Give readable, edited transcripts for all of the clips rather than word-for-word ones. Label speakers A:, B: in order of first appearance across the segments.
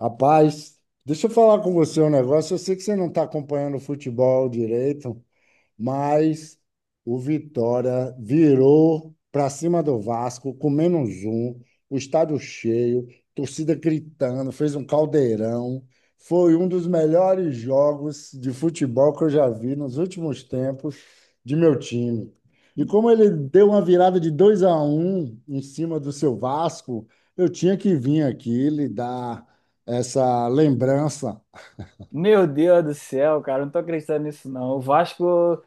A: Rapaz, deixa eu falar com você um negócio. Eu sei que você não está acompanhando o futebol direito, mas o Vitória virou para cima do Vasco com menos um, o estádio cheio, torcida gritando, fez um caldeirão. Foi um dos melhores jogos de futebol que eu já vi nos últimos tempos de meu time. E como ele deu uma virada de 2-1 em cima do seu Vasco, eu tinha que vir aqui lhe dar essa lembrança.
B: Meu Deus do céu, cara, não tô acreditando nisso não. O Vasco,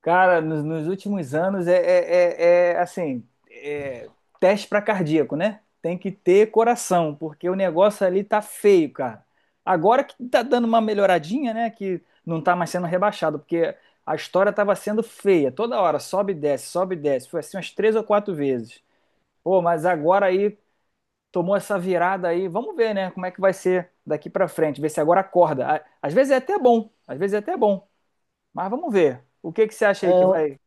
B: cara, nos últimos anos assim, é teste para cardíaco, né? Tem que ter coração, porque o negócio ali tá feio, cara. Agora que tá dando uma melhoradinha, né? Que não tá mais sendo rebaixado, porque a história tava sendo feia. Toda hora, sobe e desce, sobe e desce. Foi assim umas três ou quatro vezes. Pô, mas agora aí tomou essa virada aí. Vamos ver, né? Como é que vai ser daqui para frente, ver se agora acorda. Às vezes é até bom, às vezes é até bom, mas vamos ver. O que que você acha
A: É
B: aí que vai?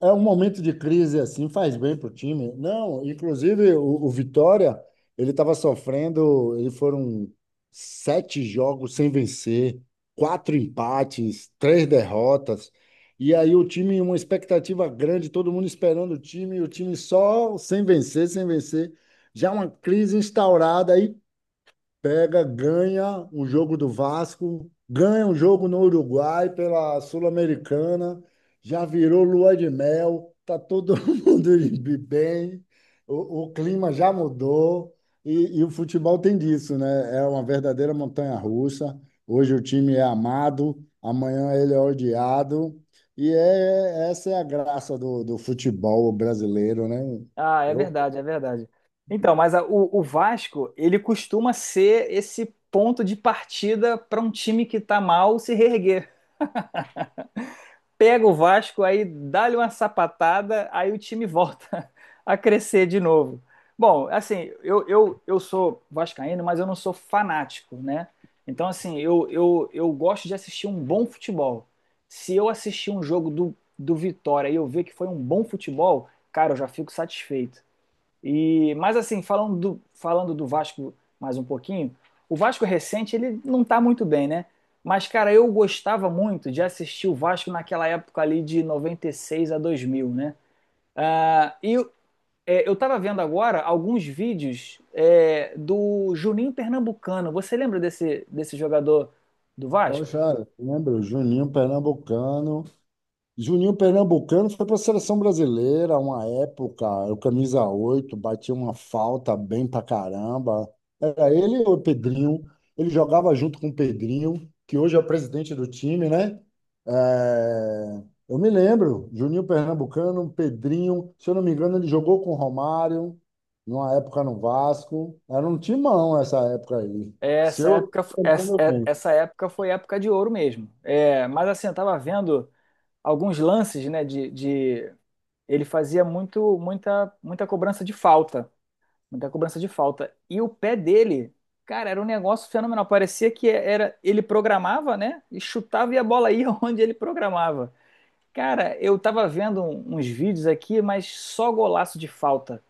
A: É um momento de crise assim, faz bem para o time. Não, inclusive o Vitória, ele estava sofrendo, ele foram sete jogos sem vencer, quatro empates, três derrotas. E aí o time, uma expectativa grande, todo mundo esperando o time, e o time só sem vencer, sem vencer. Já uma crise instaurada. Aí pega, ganha um jogo do Vasco, ganha um jogo no Uruguai pela Sul-Americana, já virou lua de mel, tá todo mundo de bem, o clima já mudou e o futebol tem disso, né? É uma verdadeira montanha-russa. Hoje o time é amado, amanhã ele é odiado. Essa é a graça do futebol brasileiro, né?
B: Ah, é
A: Eu,
B: verdade, é verdade. Então, mas o Vasco, ele costuma ser esse ponto de partida para um time que está mal se reerguer. Pega o Vasco, aí dá-lhe uma sapatada, aí o time volta a crescer de novo. Bom, assim, eu sou vascaíno, mas eu não sou fanático, né? Então, assim, eu gosto de assistir um bom futebol. Se eu assistir um jogo do Vitória e eu ver que foi um bom futebol, cara, eu já fico satisfeito. E, mas assim, falando do Vasco mais um pouquinho, o Vasco recente ele não tá muito bem, né? Mas, cara, eu gostava muito de assistir o Vasco naquela época ali de 96 a 2000, né? Ah, e eu tava vendo agora alguns vídeos do Juninho Pernambucano. Você lembra desse jogador do Vasco?
A: Poxa, lembro, Juninho Pernambucano. Juninho Pernambucano foi para a seleção brasileira uma época, o camisa 8, batia uma falta bem pra caramba. Era ele ou o Pedrinho? Ele jogava junto com o Pedrinho, que hoje é o presidente do time, né? É, Eu me lembro, Juninho Pernambucano, Pedrinho, se eu não me engano, ele jogou com o Romário, numa época no Vasco. Era um timão essa época aí.
B: É.
A: Se
B: Essa
A: eu
B: época, f-
A: tô
B: essa,
A: lembrando
B: é-
A: bem.
B: essa época foi época de ouro mesmo. É, mas assim, eu tava vendo alguns lances, né, de ele fazia muita cobrança de falta, muita cobrança de falta. E o pé dele, cara, era um negócio fenomenal. Parecia que era, ele programava, né? E chutava e a bola ia onde ele programava. Cara, eu tava vendo uns vídeos aqui, mas só golaço de falta.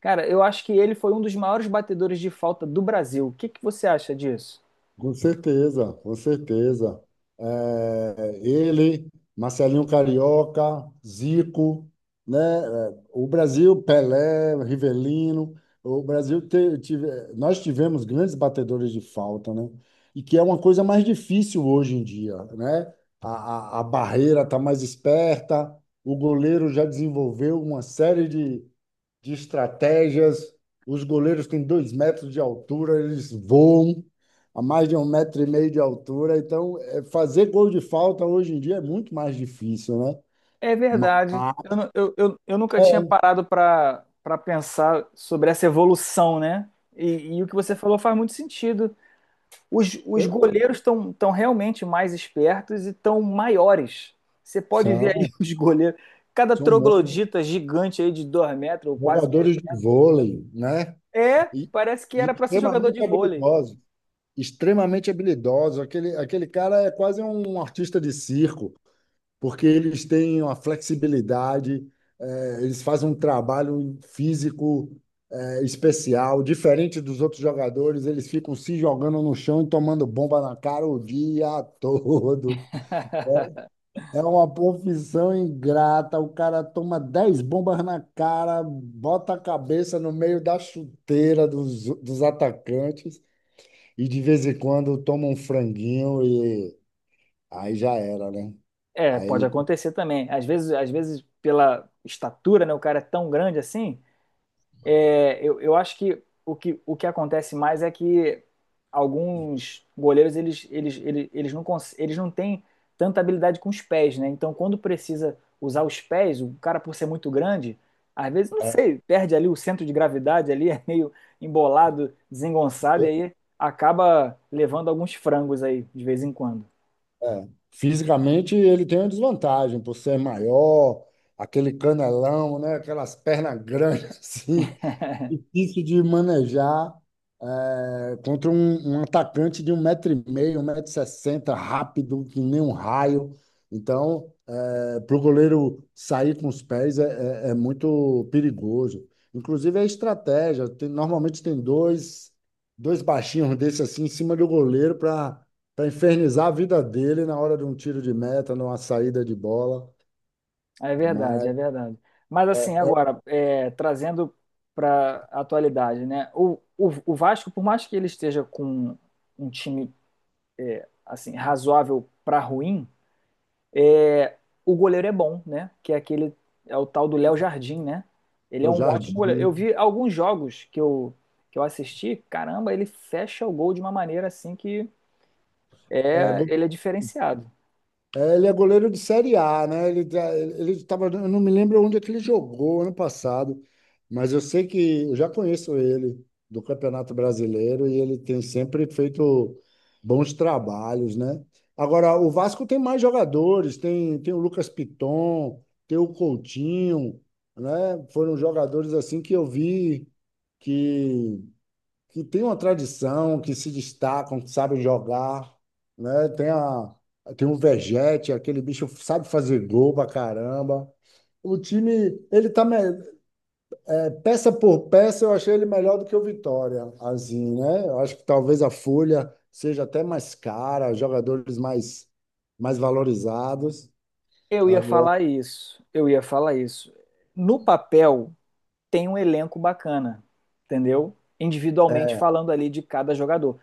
B: Cara, eu acho que ele foi um dos maiores batedores de falta do Brasil. O que que você acha disso?
A: Com certeza, com certeza. É, Marcelinho Carioca, Zico, né? É, o Brasil, Pelé, Rivelino. O Brasil te- tive, Nós tivemos grandes batedores de falta, né? E que é uma coisa mais difícil hoje em dia, né? A barreira está mais esperta, o goleiro já desenvolveu uma série de estratégias. Os goleiros têm 2 metros de altura, eles voam a mais de um metro e meio de altura. Então, é, fazer gol de falta hoje em dia é muito mais difícil, né?
B: É
A: Mas
B: verdade. Eu, nu- eu nunca
A: é,
B: tinha parado para pensar sobre essa evolução, né? E o que você falou faz muito sentido. Os
A: eu-
B: goleiros estão tão realmente mais espertos e estão maiores. Você pode ver aí
A: são,
B: os goleiros. Cada
A: são bons
B: troglodita gigante aí de 2 metros, ou quase 2.
A: jogadores de vôlei, né?
B: É,
A: E,
B: parece que
A: e
B: era para ser jogador de
A: extremamente
B: vôlei.
A: habilidosos. Extremamente habilidosos. Aquele cara é quase um artista de circo, porque eles têm uma flexibilidade. Eles fazem um trabalho físico especial, diferente dos outros jogadores, eles ficam se jogando no chão e tomando bomba na cara o dia todo. É é uma profissão ingrata. O cara toma 10 bombas na cara, bota a cabeça no meio da chuteira dos atacantes e de vez em quando toma um franguinho e aí já era, né?
B: É,
A: Aí
B: pode
A: ele
B: acontecer também. Às vezes, pela estatura, né, o cara é tão grande assim. É, eu acho que que o que acontece mais é que alguns goleiros eles não têm tanta habilidade com os pés, né? Então, quando precisa usar os pés, o cara, por ser muito grande, às vezes, não
A: é,
B: sei, perde ali o centro de gravidade ali, é meio embolado, desengonçado, e aí acaba levando alguns frangos aí, de vez em quando.
A: É. Fisicamente ele tem uma desvantagem por ser maior, aquele canelão, né? Aquelas pernas grandes assim, difícil de manejar, contra um atacante de um metro e meio, um metro e sessenta, rápido que nem um raio. Então, para o goleiro sair com os pés é muito perigoso. Inclusive é estratégia. Normalmente tem dois baixinhos desse assim em cima do goleiro para infernizar a vida dele na hora de um tiro de meta, numa saída de bola.
B: É verdade,
A: Mas
B: é verdade. Mas assim, agora, trazendo para a atualidade, né? O Vasco, por mais que ele esteja com um time assim razoável para ruim, é, o goleiro é bom, né? Que é aquele é o tal do Léo Jardim, né? Ele
A: é
B: é
A: o
B: um ótimo goleiro. Eu
A: Jardim.
B: vi alguns jogos que eu assisti, caramba, ele fecha o gol de uma maneira assim
A: É,
B: ele é diferenciado.
A: Ele é goleiro de Série A, né? Ele tava, eu não me lembro onde é que ele jogou ano passado, mas eu sei que eu já conheço ele do Campeonato Brasileiro e ele tem sempre feito bons trabalhos, né? Agora, o Vasco tem mais jogadores, tem o Lucas Piton, tem o Coutinho, né? Foram jogadores assim que eu vi que que tem uma tradição, que se destacam, que sabem jogar, né? Tem o Vegete, aquele bicho sabe fazer gol pra caramba. O time, ele tá me- Peça por peça, eu achei ele melhor do que o Vitória, assim, né? Eu acho que talvez a folha seja até mais cara, jogadores mais valorizados.
B: Eu ia
A: Agora,
B: falar isso, eu ia falar isso. No papel tem um elenco bacana, entendeu? Individualmente falando ali de cada jogador.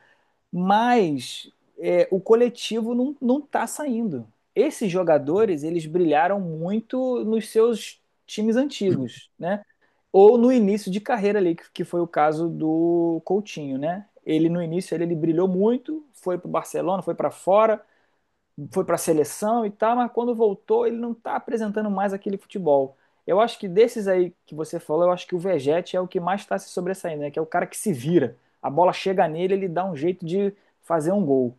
B: Mas o coletivo não tá saindo. Esses jogadores, eles brilharam muito nos seus times antigos, né? Ou no início de carreira ali, que foi o caso do Coutinho, né? Ele no início ele brilhou muito, foi para o Barcelona, foi para fora, foi para a seleção e tal, mas quando voltou ele não está apresentando mais aquele futebol. Eu acho que desses aí que você falou, eu acho que o Vegete é o que mais está se sobressaindo, né? Que é o cara que se vira. A bola chega nele, ele dá um jeito de fazer um gol.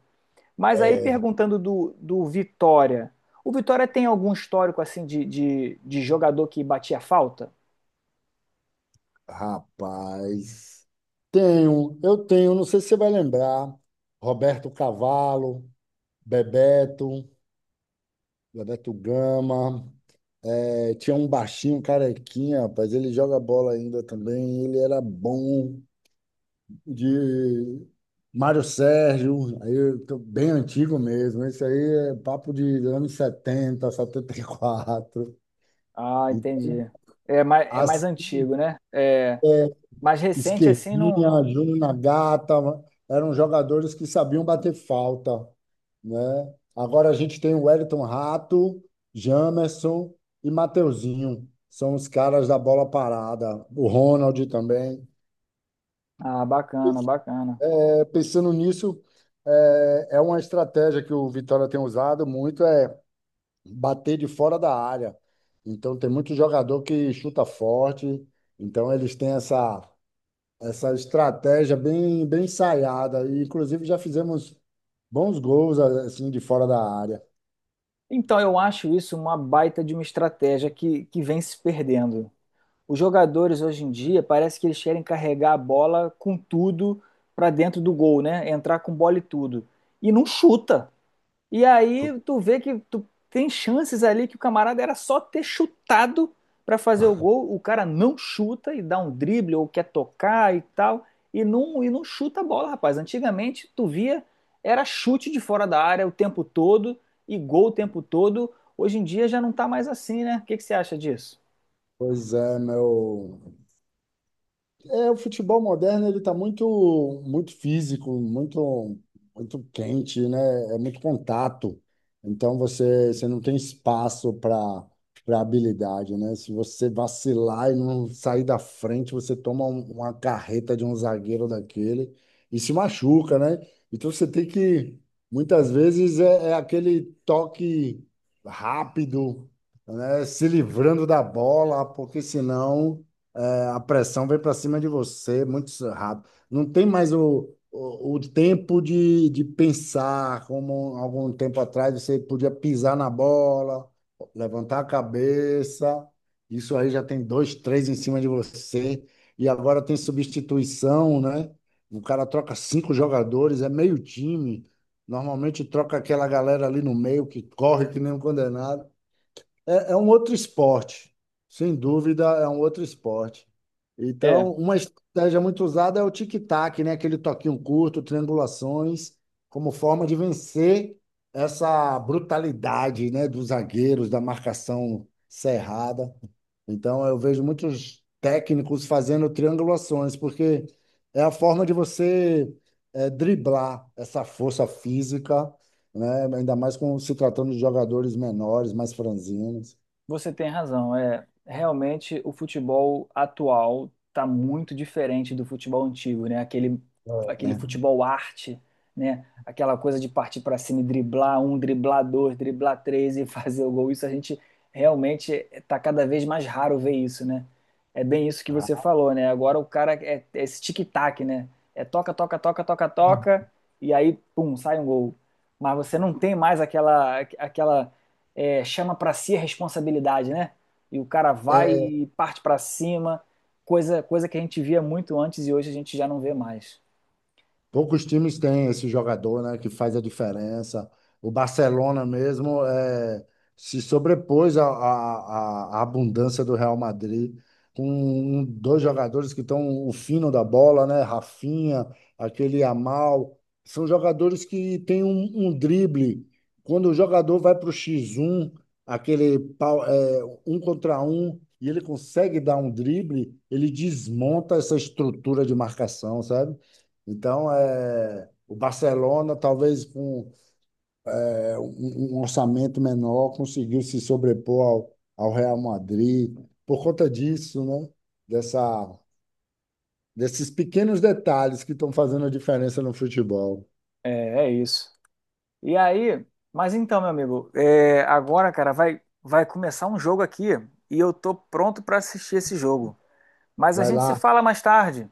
B: Mas aí perguntando do Vitória, o Vitória tem algum histórico assim de jogador que batia falta?
A: rapaz, eu tenho, não sei se você vai lembrar, Roberto Cavalo, Bebeto, Bebeto Gama, tinha um baixinho, um carequinha, rapaz, ele joga bola ainda também, ele era bom de Mário Sérgio. Aí eu tô bem antigo mesmo, isso aí é papo de anos 70, 74.
B: Ah,
A: E quatro. E
B: entendi. É mais
A: as
B: antigo, né? É, mais recente assim não,
A: Esquerdinha, Júnior Nagata, eram jogadores que sabiam bater falta, né? Agora a gente tem o Wellington Rato, Jamerson e Mateuzinho. São os caras da bola parada. O Ronald também.
B: Ah, bacana, bacana.
A: É, pensando nisso, é uma estratégia que o Vitória tem usado muito, é bater de fora da área. Então tem muito jogador que chuta forte. Então eles têm essa estratégia bem, bem ensaiada. E, inclusive, já fizemos bons gols assim de fora da área.
B: Então, eu acho isso uma baita de uma estratégia que vem se perdendo. Os jogadores hoje em dia parece que eles querem carregar a bola com tudo para dentro do gol, né? Entrar com bola e tudo. E não chuta. E aí tu vê que tu tem chances ali que o camarada era só ter chutado para fazer o gol, o cara não chuta e dá um drible ou quer tocar e tal, e não chuta a bola, rapaz. Antigamente tu via era chute de fora da área o tempo todo e gol o tempo todo. Hoje em dia já não tá mais assim, né? O que que você acha disso?
A: Pois é, meu. É, o futebol moderno ele está muito muito físico, muito muito quente, né? É muito contato. Então você não tem espaço para habilidade, né? Se você vacilar e não sair da frente, você toma uma carreta de um zagueiro daquele e se machuca, né? Então você tem que, muitas vezes, é aquele toque rápido, se livrando da bola, porque senão, a pressão vem para cima de você muito rápido. Não tem mais o tempo de pensar, como algum tempo atrás você podia pisar na bola, levantar a cabeça. Isso aí já tem dois, três em cima de você. E agora tem substituição, né? O cara troca cinco jogadores, é meio time. Normalmente troca aquela galera ali no meio que corre que nem um condenado. É, é um outro esporte, sem dúvida, é um outro esporte.
B: É.
A: Então, uma estratégia muito usada é o tic-tac, né? Aquele toquinho curto, triangulações, como forma de vencer essa brutalidade, né? Dos zagueiros, da marcação cerrada. Então, eu vejo muitos técnicos fazendo triangulações, porque é a forma de você, driblar essa força física, né? Ainda mais com se tratando de jogadores menores, mais franzinos.
B: Você tem razão. É, realmente o futebol atual está muito diferente do futebol antigo, né? Aquele,
A: É.
B: aquele
A: Né?
B: futebol arte, né? Aquela coisa de partir para cima e driblar um, driblar dois, driblar três e fazer o gol. Isso a gente realmente está cada vez mais raro ver isso, né? É bem isso que você falou, né? Agora o cara é esse tic-tac, né? É toca, toca, toca, toca, toca e aí, pum, sai um gol. Mas você não tem mais aquela, chama para si a responsabilidade, né? E o cara vai e parte para cima, coisa que a gente via muito antes e hoje a gente já não vê mais.
A: Poucos times têm esse jogador, né, que faz a diferença. O Barcelona mesmo, é, se sobrepôs à abundância do Real Madrid, com dois jogadores que estão o fino da bola, né, Rafinha, aquele Yamal. São jogadores que têm um drible. Quando o jogador vai para o X1, aquele pau- é, um contra um, e ele consegue dar um drible, ele desmonta essa estrutura de marcação, sabe? Então, é, o Barcelona, talvez com um orçamento menor, conseguiu se sobrepor ao Real Madrid por conta disso, né? Dessa, desses pequenos detalhes que estão fazendo a diferença no futebol.
B: É isso. E aí, mas então, meu amigo, agora, cara, vai começar um jogo aqui e eu tô pronto para assistir esse jogo. Mas a
A: Vai
B: gente se
A: lá,
B: fala mais tarde,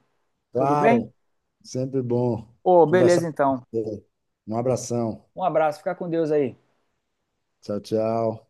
B: tudo bem?
A: claro, sempre bom
B: Ô, beleza
A: conversar com
B: então.
A: você. Um abração.
B: Um abraço, fica com Deus aí.
A: Tchau, tchau.